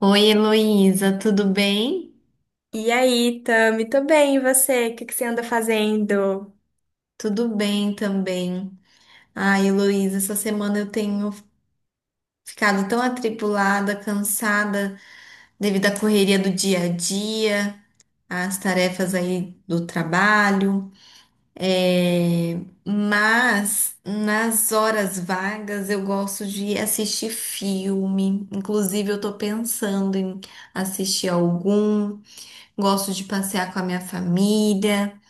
Oi, Heloísa, tudo bem? E aí, Tami, tô bem, e você? O que que você anda fazendo? Tudo bem também. Ai, Heloísa, essa semana eu tenho ficado tão atribulada, cansada devido à correria do dia a dia, às tarefas aí do trabalho. É, mas nas horas vagas eu gosto de assistir filme. Inclusive, eu tô pensando em assistir algum. Gosto de passear com a minha família.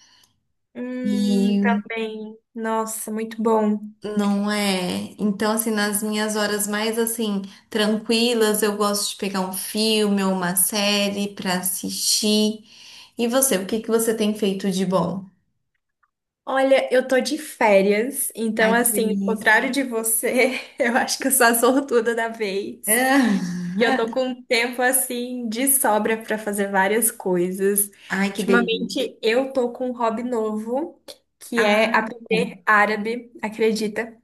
E Também. Nossa, muito bom. não é? Então, assim, nas minhas horas mais, assim, tranquilas, eu gosto de pegar um filme ou uma série pra assistir. E você, o que que você tem feito de bom? Olha, eu tô de férias, então Ai, que assim, ao delícia. contrário de você, eu acho que eu sou a sortuda da vez, que eu tô Ah, com um tempo assim de sobra pra fazer várias coisas. ai, que delícia. Ultimamente eu tô com um hobby novo, que Ah, é aprender árabe, acredita?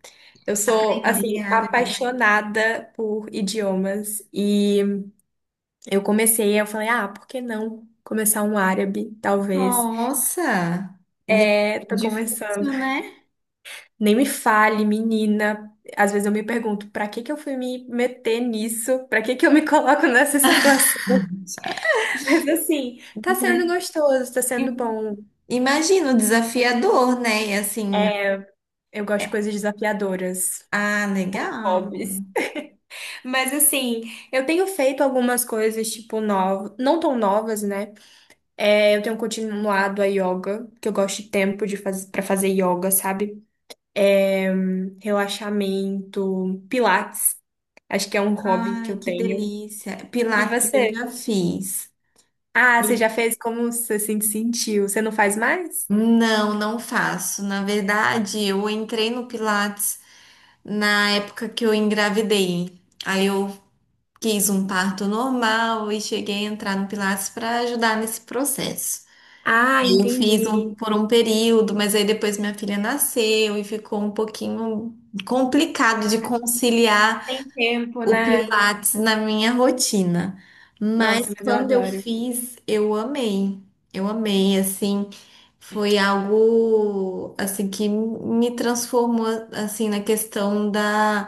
Eu sou assim aprender árabe. apaixonada por idiomas e eu comecei, eu falei, ah, por que não começar um árabe, talvez? Nossa! E é É, tô começando. difícil, né? Nem me fale, menina. Às vezes eu me pergunto, pra que que eu fui me meter nisso? Pra que que eu me coloco nessa situação? Mas assim, tá Tudo, sendo né? gostoso, tá sendo bom. Imagino, desafiador, né? E assim, Eu gosto de coisas desafiadoras. ah, legal. Hobbies. Mas assim, eu tenho feito algumas coisas, tipo, novas, não tão novas, né? É, eu tenho continuado a yoga, que eu gosto de tempo para fazer yoga, sabe? É, relaxamento, pilates. Acho que é um hobby que Ai, eu que tenho. delícia. E Pilates eu você? já fiz. Ah, você já fez, como você se sentiu? Você não faz mais? Não, não faço. Na verdade, eu entrei no Pilates na época que eu engravidei. Aí eu quis um parto normal e cheguei a entrar no Pilates para ajudar nesse processo. Ah, Aí eu fiz entendi. por um período, mas aí depois minha filha nasceu e ficou um pouquinho complicado de conciliar Tem tempo, o né? Pilates na minha rotina. Mas Nossa, mas eu quando eu adoro. fiz, eu amei. Eu amei, assim, foi algo assim que me transformou assim na questão da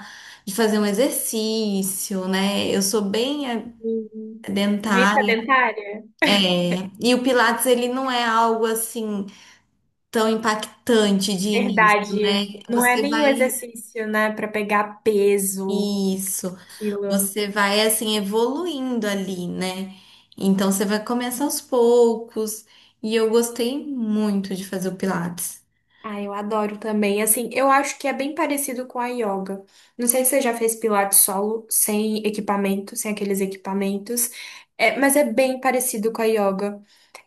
de fazer um exercício, né? Eu sou bem Uhum. Bem dentária. sedentária? É, e o Pilates ele não é algo assim tão impactante de início, né? Verdade. Não é Você nenhum vai exercício, né, pra pegar peso, isso. quilo. Você vai assim evoluindo ali, né? Então você vai começar aos poucos. E eu gostei muito de fazer o Pilates. Ah, eu adoro também. Assim, eu acho que é bem parecido com a yoga. Não sei se você já fez pilates solo, sem equipamento, sem aqueles equipamentos. É, mas é bem parecido com a yoga.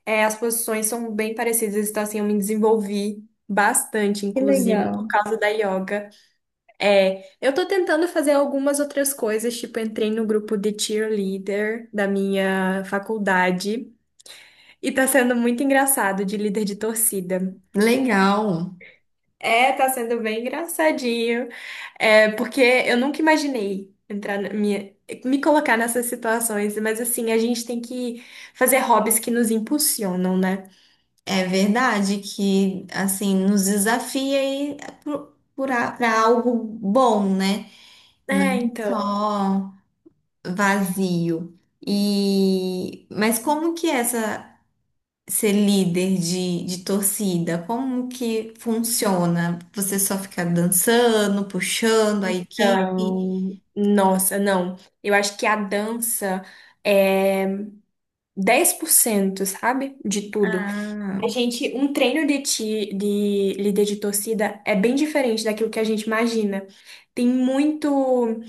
É, as posições são bem parecidas, então assim, eu me desenvolvi bastante, Que inclusive, por legal. causa da yoga. É, eu tô tentando fazer algumas outras coisas, tipo, entrei no grupo de cheerleader da minha faculdade e tá sendo muito engraçado de líder de torcida. Legal. É, tá sendo bem engraçadinho. É, porque eu nunca imaginei entrar na minha, me colocar nessas situações, mas assim, a gente tem que fazer hobbies que nos impulsionam, né? É verdade que assim nos desafia aí para algo bom, né? Não É, então. só vazio. E mas como que é essa ser líder de torcida? Como que funciona? Você só fica dançando, puxando a equipe? Então, nossa, não. Eu acho que a dança é 10%, sabe? De tudo. Ah, A gente, um treino de líder de torcida é bem diferente daquilo que a gente imagina. Tem muito.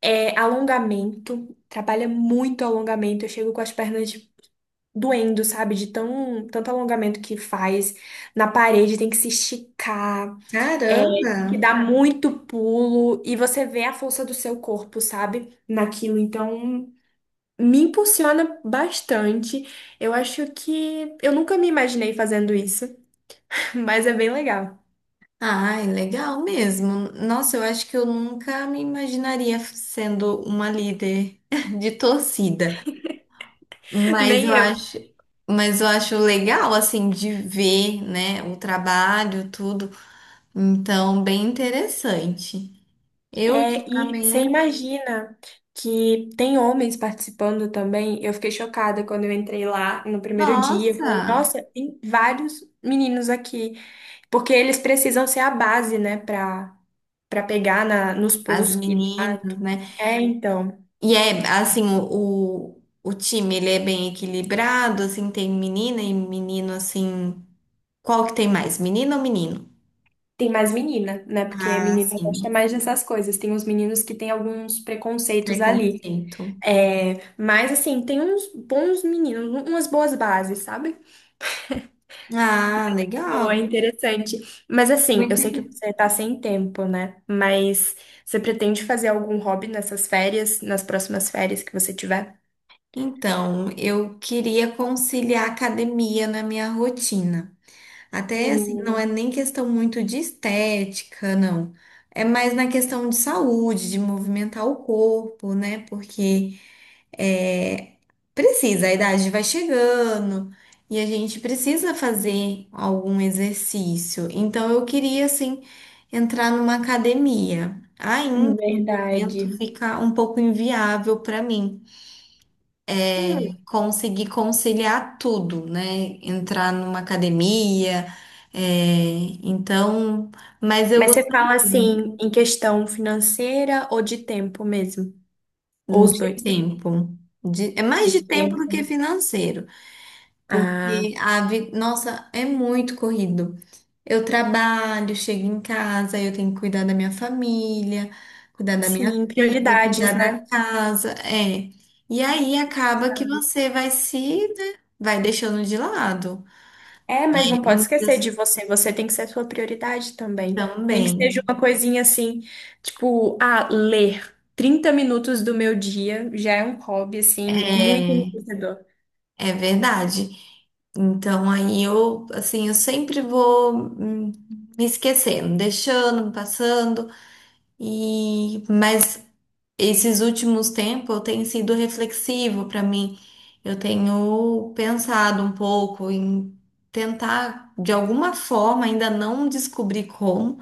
É, alongamento, trabalha muito alongamento. Eu chego com as pernas doendo, sabe? De tão, tanto alongamento que faz. Na parede tem que se esticar, é, tem que caramba! dar muito pulo. E você vê a força do seu corpo, sabe? Naquilo. Então, me impulsiona bastante. Eu acho que eu nunca me imaginei fazendo isso, mas é bem legal. Ai, legal mesmo. Nossa, eu acho que eu nunca me imaginaria sendo uma líder de torcida, mas Nem eu eu. acho, mas eu acho legal assim de ver, né, o trabalho, tudo. Então, bem interessante. Eu É, e você ultimamente, imagina que tem homens participando também. Eu fiquei chocada quando eu entrei lá no primeiro dia. Eu falei, nossa, nossa, tem vários meninos aqui. Porque eles precisam ser a base, né, pra pegar nos as pulos que meninas, dá. né? É, então. E é assim, o time ele é bem equilibrado, assim, tem menina e menino assim. Qual que tem mais? Menino ou menino? Tem mais menina, né? Porque Ah, menina gosta sim. mais dessas coisas. Tem uns meninos que têm alguns preconceitos ali. Preconceito. É, mas, assim, tem uns bons meninos, umas boas bases, sabe? Ah, Boa, legal. interessante. Mas assim, eu Muito sei que inte- você tá sem tempo, né? Mas você pretende fazer algum hobby nessas férias, nas próximas férias que você tiver? Então, eu queria conciliar a academia na minha rotina. Até assim, não é Hum, nem questão muito de estética, não. É mais na questão de saúde, de movimentar o corpo, né? Porque é, precisa, a idade vai chegando e a gente precisa fazer algum exercício. Então eu queria assim entrar numa academia. Ainda no momento verdade. fica um pouco inviável para mim Hum, conseguir conciliar tudo, né? Entrar numa academia, é, então, mas eu Mas você gostaria fala assim, em questão financeira ou de tempo mesmo? Ou os de dois? tempo. De- é mais De de tempo do tempo. que financeiro. Ah, Porque a vi... nossa, é muito corrido. Eu trabalho, chego em casa, eu tenho que cuidar da minha família, cuidar da minha sim, filha, cuidar prioridades, da né? casa, é. E aí acaba que você vai se, né, vai deixando de lado. É, mas não pode Muitas esquecer de você. Você tem que ser a sua prioridade também. Nem que também. seja uma coisinha assim, tipo, ah, ler 30 minutos do meu dia já é um hobby, assim, muito É, enriquecedor. é verdade. Então aí eu, assim, eu sempre vou me esquecendo, deixando, passando e mas esses últimos tempos tem sido reflexivo para mim. Eu tenho pensado um pouco em tentar, de alguma forma, ainda não descobri como,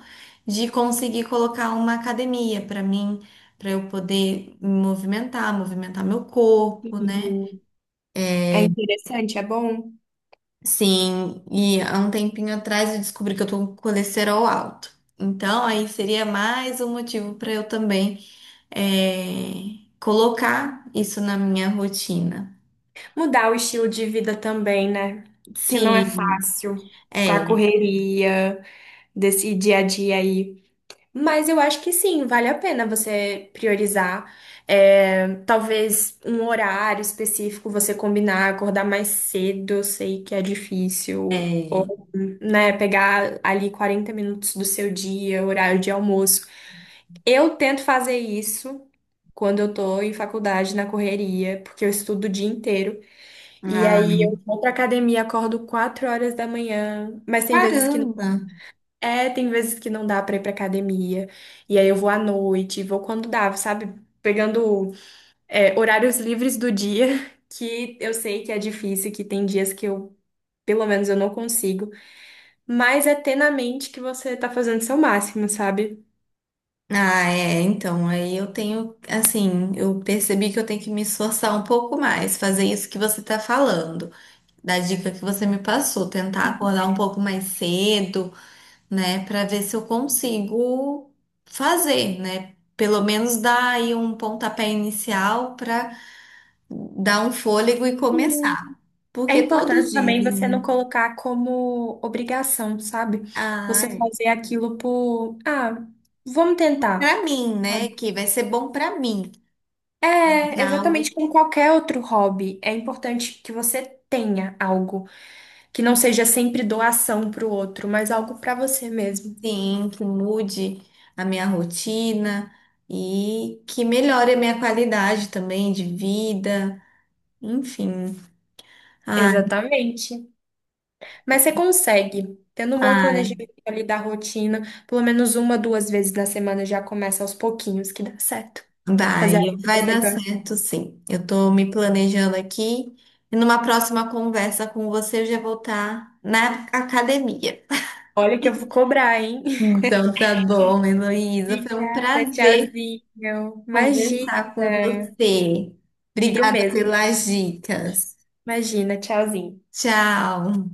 de conseguir colocar uma academia para mim, para eu poder me movimentar, movimentar meu corpo, né? Sim. É interessante, é bom. Sim, e há um tempinho atrás eu descobri que eu tô com colesterol alto. Então, aí seria mais um motivo para eu também colocar isso na minha rotina. Mudar o estilo de vida também, né? Que não é Sim, fácil com a é, correria desse dia a dia aí. Mas eu acho que sim, vale a pena você priorizar. É, talvez um horário específico você combinar, acordar mais cedo, eu sei que é difícil. é. Ou, né, pegar ali 40 minutos do seu dia, horário de almoço. Eu tento fazer isso quando eu tô em faculdade, na correria, porque eu estudo o dia inteiro. E Ah, aí eu vou pra academia, acordo 4 horas da manhã, mas tem vezes que caramba! é, tem vezes que não dá pra ir pra academia, e aí eu vou à noite, vou quando dá, sabe? Pegando, é, horários livres do dia, que eu sei que é difícil, que tem dias que eu, pelo menos, eu não consigo, mas é ter na mente que você tá fazendo seu máximo, sabe? Ah, é, então, aí eu tenho, assim, eu percebi que eu tenho que me esforçar um pouco mais, fazer isso que você tá falando, da dica que você me passou, tentar acordar um pouco mais cedo, né, pra ver se eu consigo fazer, né? Pelo menos dar aí um pontapé inicial pra dar um fôlego e E começar. é Porque todos importante também você não dizem, colocar como obrigação, sabe? ah, Você é, fazer aquilo por, ah, vamos tentar. para mim, né? Que vai ser bom para mim. É É, algo exatamente como qualquer outro hobby, é importante que você tenha algo que não seja sempre doação para o outro, mas algo para você mesmo. sim, que mude a minha rotina e que melhore a minha qualidade também de vida. Enfim. Ai, Exatamente. Mas você consegue, tendo um bom ai, planejamento ali da rotina, pelo menos uma, duas vezes na semana já começa aos pouquinhos que dá certo. Fazer vai, algo que vai você dar gosta. certo sim. Eu tô me planejando aqui e numa próxima conversa com você eu já vou estar na academia. Olha que eu vou cobrar, hein? Então tá bom, Heloísa. Foi um Obrigada, prazer tchauzinho. Imagina, conversar com você. digo Obrigada mesmo. pelas dicas. Imagina, tchauzinho. Tchau.